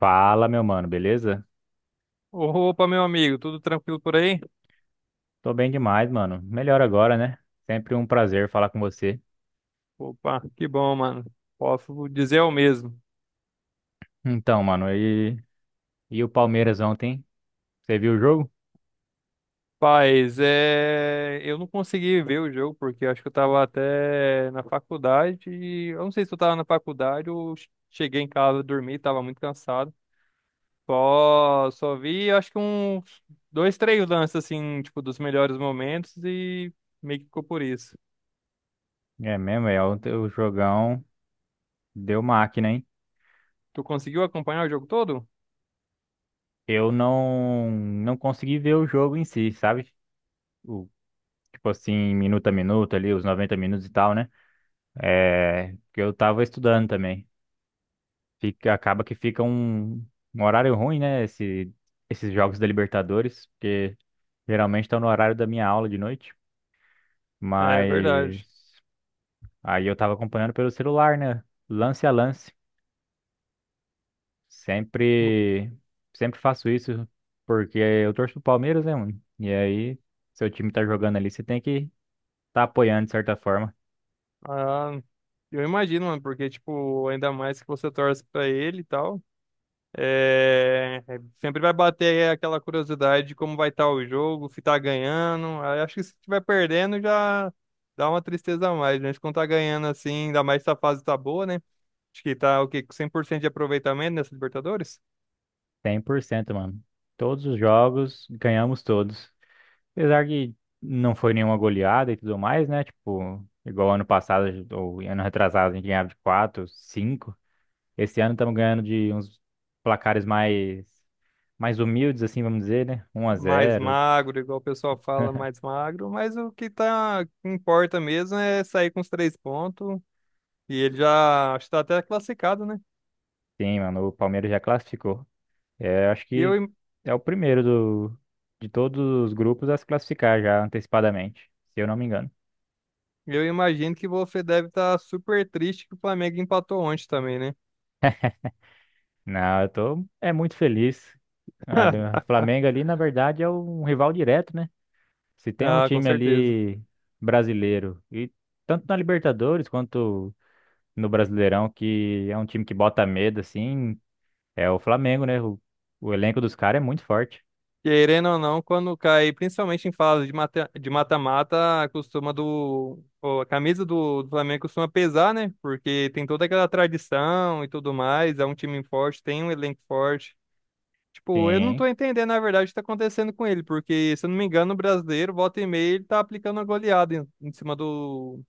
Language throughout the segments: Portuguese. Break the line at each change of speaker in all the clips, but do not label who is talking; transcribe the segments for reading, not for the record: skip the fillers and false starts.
Fala, meu mano, beleza?
Opa, meu amigo, tudo tranquilo por aí?
Tô bem demais, mano. Melhor agora, né? Sempre um prazer falar com você.
Opa, que bom, mano. Posso dizer o mesmo.
Então, mano, e o Palmeiras ontem? Você viu o jogo?
Paz, eu não consegui ver o jogo porque eu acho que eu tava até na faculdade. E eu não sei se eu tava na faculdade ou cheguei em casa, dormi, tava muito cansado. Só vi, acho que uns dois, três lances, assim, tipo, dos melhores momentos e meio que ficou por isso.
É mesmo, é. Ontem o jogão deu máquina, hein?
Tu conseguiu acompanhar o jogo todo?
Eu não consegui ver o jogo em si, sabe? O, tipo assim, minuto a minuto ali, os 90 minutos e tal, né? É, que eu tava estudando também. Acaba que fica um horário ruim, né? Esses jogos da Libertadores, porque geralmente estão no horário da minha aula de noite.
É
Mas
verdade.
aí eu tava acompanhando pelo celular, né? Lance a lance. Sempre, sempre faço isso porque eu torço pro Palmeiras, né, mano? E aí, seu time tá jogando ali, você tem que tá apoiando de certa forma.
Ah, eu imagino, mano, porque, tipo, ainda mais que você torce pra ele e tal, sempre vai bater aquela curiosidade de como vai estar o jogo, se tá ganhando. Aí acho que se tiver perdendo já dá uma tristeza a mais, né? Mas quando tá ganhando assim, ainda mais se a fase tá boa, né? Acho que tá, o quê? Com 100% de aproveitamento nessa Libertadores?
100%, mano. Todos os jogos, ganhamos todos. Apesar que não foi nenhuma goleada e tudo mais, né? Tipo, igual ano passado ou ano retrasado, a gente ganhava de 4 cinco. Esse ano estamos ganhando de uns placares mais humildes, assim, vamos dizer, né? um a
Mais
zero.
magro, igual o pessoal fala, mais magro. Mas o que tá, que importa mesmo é sair com os 3 pontos. E ele já está até classificado, né?
Sim, mano, o Palmeiras já classificou. É, acho
E
que
eu,
é o primeiro de todos os grupos a se classificar já antecipadamente, se eu não me engano.
Eu imagino que você deve estar super triste que o Flamengo empatou ontem também, né?
Não, eu tô é muito feliz. A- o Flamengo ali, na verdade, é um rival direto, né? Se tem um
Ah, com
time
certeza.
ali brasileiro, e tanto na Libertadores quanto no Brasileirão, que é um time que bota medo, assim, é o Flamengo, né? O elenco dos caras é muito forte.
Querendo ou não, quando cai, principalmente em fase de de mata-mata, a camisa do Flamengo costuma pesar, né? Porque tem toda aquela tradição e tudo mais. É um time forte, tem um elenco forte. Tipo, eu não tô
Sim.
entendendo, na verdade, o que tá acontecendo com ele, porque, se eu não me engano, o brasileiro, volta e meia, ele tá aplicando uma goleada em cima do,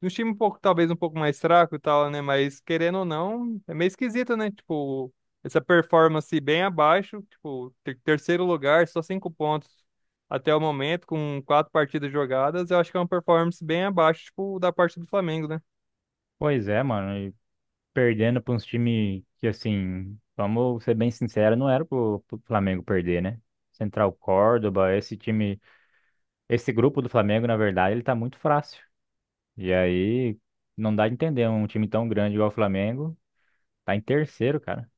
do time um pouco, talvez um pouco mais fraco e tal, né? Mas querendo ou não, é meio esquisito, né? Tipo, essa performance bem abaixo, tipo, terceiro lugar, só 5 pontos até o momento, com quatro partidas jogadas, eu acho que é uma performance bem abaixo, tipo, da parte do Flamengo, né?
Pois é, mano. E perdendo para uns times que, assim, vamos ser bem sinceros, não era pro Flamengo perder, né? Central Córdoba, esse grupo do Flamengo, na verdade, ele tá muito fácil. E aí, não dá de entender um time tão grande igual o Flamengo, tá em terceiro, cara.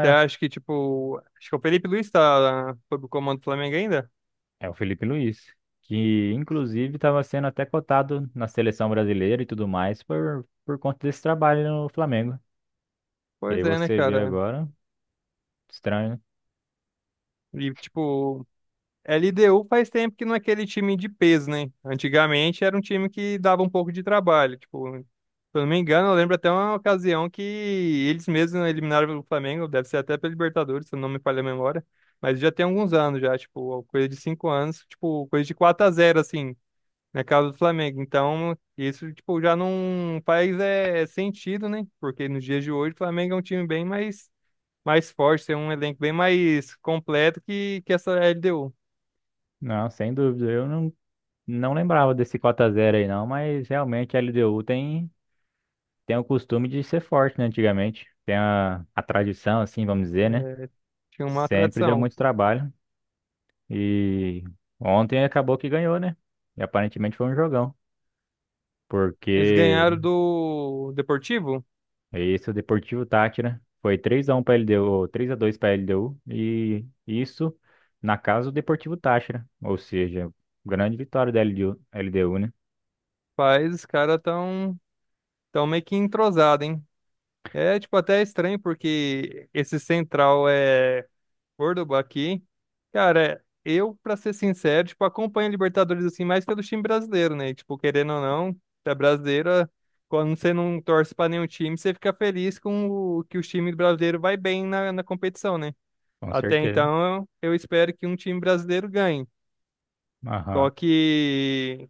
Você acha que, tipo, acho que o Felipe Luiz tá, foi pro comando do Flamengo ainda?
é o Felipe Luiz, que inclusive estava sendo até cotado na seleção brasileira e tudo mais por conta desse trabalho no Flamengo. E
Pois
aí
é, né,
você vê
cara?
agora, estranho, né?
E, tipo, LDU faz tempo que não é aquele time de peso, né? Antigamente era um time que dava um pouco de trabalho. Tipo, se eu não me engano, eu lembro até uma ocasião que eles mesmos eliminaram o Flamengo, deve ser até pela Libertadores, se eu não me falha a memória. Mas já tem alguns anos já, tipo, coisa de 5 anos, tipo, coisa de 4-0, assim, na casa do Flamengo. Então, isso, tipo, já não faz é, sentido, né? Porque nos dias de hoje o Flamengo é um time bem mais, mais forte, tem um elenco bem mais completo que essa LDU.
Não, sem dúvida. Eu não lembrava desse 4x0 aí não, mas realmente a LDU tem o costume de ser forte, né, antigamente. Tem a tradição, assim, vamos dizer, né?
Tinha uma
Sempre deu
tradição.
muito trabalho. E ontem acabou que ganhou, né? E aparentemente foi um jogão.
Eles
Porque
ganharam do Deportivo?
esse é o Deportivo Tátira. Foi 3x1 pra LDU, 3x2 pra LDU. E isso na casa do Deportivo Táchira. Ou seja, grande vitória da LDU, né?
Mas os caras tão meio que entrosados, hein? É, tipo, até estranho porque esse central é Córdoba aqui. Cara, eu, pra ser sincero, tipo, acompanho a Libertadores assim mais pelo time brasileiro, né? Tipo, querendo ou não, da brasileira, quando você não torce pra nenhum time, você fica feliz com o que o time brasileiro vai bem na competição, né?
Com
Até
certeza.
então, eu espero que um time brasileiro ganhe.
Aham.
Só que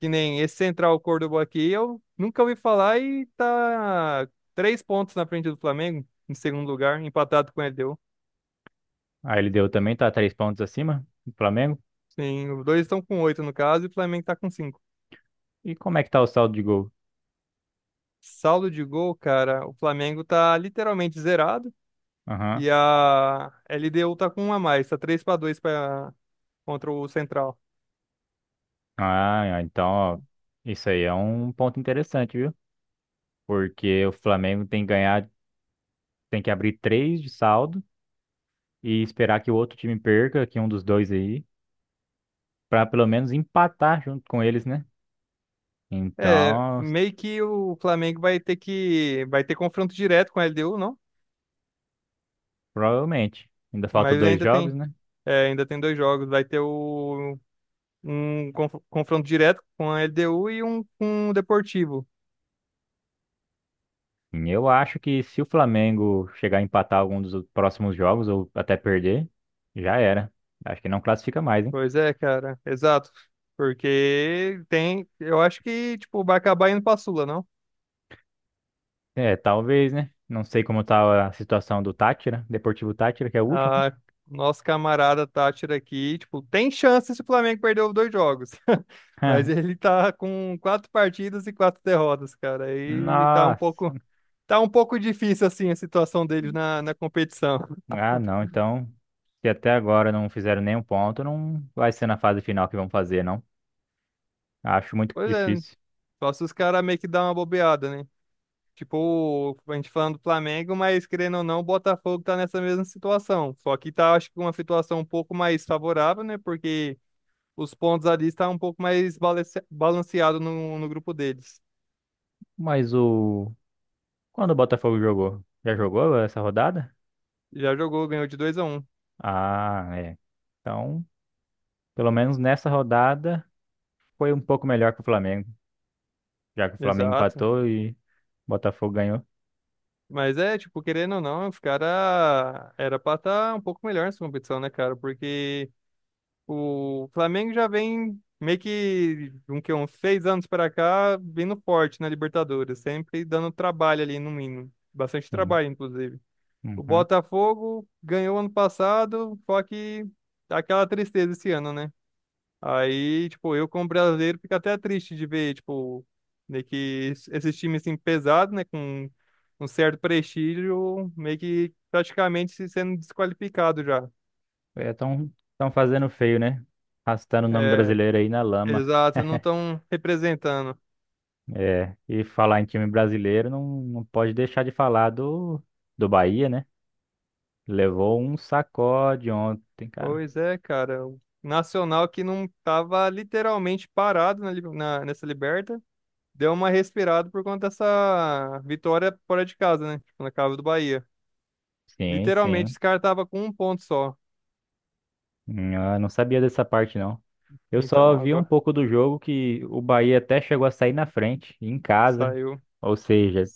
Que nem esse Central Córdoba aqui, eu nunca ouvi falar e tá três pontos na frente do Flamengo, em segundo lugar, empatado com o LDU.
A LDU também tá três pontos acima do Flamengo.
Sim, os dois estão com 8 no caso e o Flamengo tá com 5.
E como é que tá o saldo de gol?
Saldo de gol, cara, o Flamengo tá literalmente zerado.
Aham.
E a LDU tá com um a mais, tá 3-2 para contra o Central.
Ah, é, então, ó, isso aí é um ponto interessante, viu? Porque o Flamengo tem que ganhar, tem que abrir três de saldo e esperar que o outro time perca, que um dos dois aí, pra pelo menos empatar junto com eles, né?
É,
Então,
meio que o Flamengo vai ter confronto direto com a LDU, não?
provavelmente. Ainda falta
Mas
dois
ainda
jogos,
tem,
né?
é, ainda tem dois jogos, vai ter o um confronto direto com a LDU e um com o Deportivo.
Eu acho que se o Flamengo chegar a empatar algum dos próximos jogos ou até perder, já era. Acho que não classifica mais, hein?
Pois é, cara, exato. Porque tem, eu acho que, tipo, vai acabar indo pra Sula, não?
É, talvez, né? Não sei como tá a situação do Tátira, Deportivo Tátira, que é o último, né?
A nosso camarada Tátira aqui, tipo, tem chance se o Flamengo perder os dois jogos. Mas ele tá com quatro partidas e quatro derrotas, cara. E
Nossa.
tá um pouco difícil, assim, a situação deles na competição.
Ah, não. Então, se até agora não fizeram nenhum ponto, não vai ser na fase final que vão fazer, não. Acho muito
Pois é,
difícil.
só se os caras meio que dão uma bobeada, né? Tipo, a gente falando do Flamengo, mas querendo ou não, o Botafogo tá nessa mesma situação. Só que tá, acho que uma situação um pouco mais favorável, né? Porque os pontos ali estão um pouco mais balanceado no grupo deles.
Mas o. Quando o Botafogo jogou? Já jogou essa rodada?
Já jogou, ganhou de 2-1.
Ah, é. Então, pelo menos nessa rodada, foi um pouco melhor que o Flamengo, já que o Flamengo
Exato.
empatou e o Botafogo ganhou.
Mas é, tipo, querendo ou não, os caras era pra estar um pouco melhor nessa competição, né, cara? Porque o Flamengo já vem meio que uns 6 anos para cá, vindo forte na Libertadores, sempre dando trabalho ali no mínimo, bastante
Sim.
trabalho inclusive. O
Uhum.
Botafogo ganhou ano passado, só que tá aquela tristeza esse ano, né? Aí, tipo, eu como brasileiro fico até triste de ver, tipo, meio que esses times assim pesados, né, com um certo prestígio, meio que praticamente se sendo desqualificado já.
Estão fazendo feio, né? Arrastando o nome
É,
brasileiro aí na lama.
exato, não estão representando.
É, e falar em time brasileiro não pode deixar de falar do Bahia, né? Levou um sacode ontem, cara.
Pois é, cara. O Nacional que não tava literalmente parado nessa Liberta, deu uma respirada por conta dessa vitória fora de casa, né? Tipo, na casa do Bahia.
Sim,
Literalmente,
sim.
esse cara tava com um ponto só.
Eu não sabia dessa parte, não. Eu só
Então,
vi um
agora
pouco do jogo que o Bahia até chegou a sair na frente, em casa.
saiu.
Ou seja,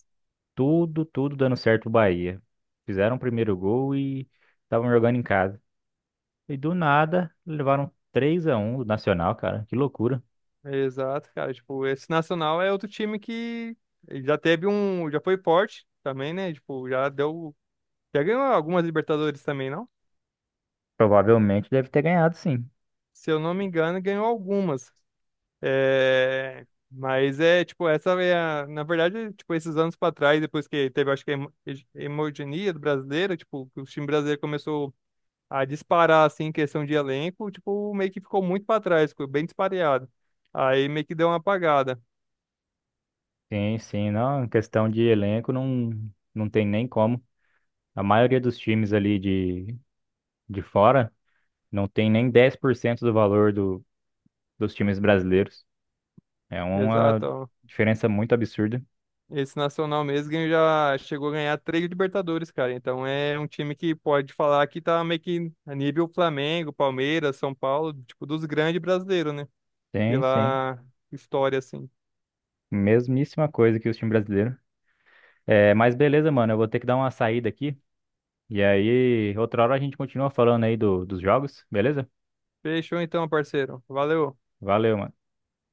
tudo dando certo o Bahia. Fizeram o primeiro gol e estavam jogando em casa. E do nada, levaram 3 a 1 do Nacional, cara. Que loucura.
Exato, cara. Tipo, esse Nacional é outro time que ele já teve um. Já foi forte também, né? Tipo, já deu. Já ganhou algumas Libertadores também, não?
Provavelmente deve ter ganhado, sim.
Se eu não me engano, ganhou algumas. É, mas é, tipo, essa é a, na verdade, tipo, esses anos para trás, depois que teve, acho que a hegemonia do brasileiro, tipo, que o time brasileiro começou a disparar, assim, em questão de elenco, tipo, meio que ficou muito para trás, ficou bem dispareado. Aí meio que deu uma apagada.
Sim, sim. Não, em questão de elenco, não, não tem nem como. A maioria dos times ali de fora não tem nem 10% do valor dos times brasileiros. É uma
Exato, ó.
diferença muito absurda.
Esse Nacional mesmo já chegou a ganhar 3 Libertadores, cara. Então é um time que pode falar que tá meio que a nível Flamengo, Palmeiras, São Paulo, tipo, dos grandes brasileiros, né?
Sim, sim.
Pela história, assim.
Mesmíssima coisa que os times brasileiros. É, mas beleza, mano. Eu vou ter que dar uma saída aqui. E aí, outra hora a gente continua falando aí dos jogos, beleza?
Fechou então, parceiro. Valeu.
Valeu, mano.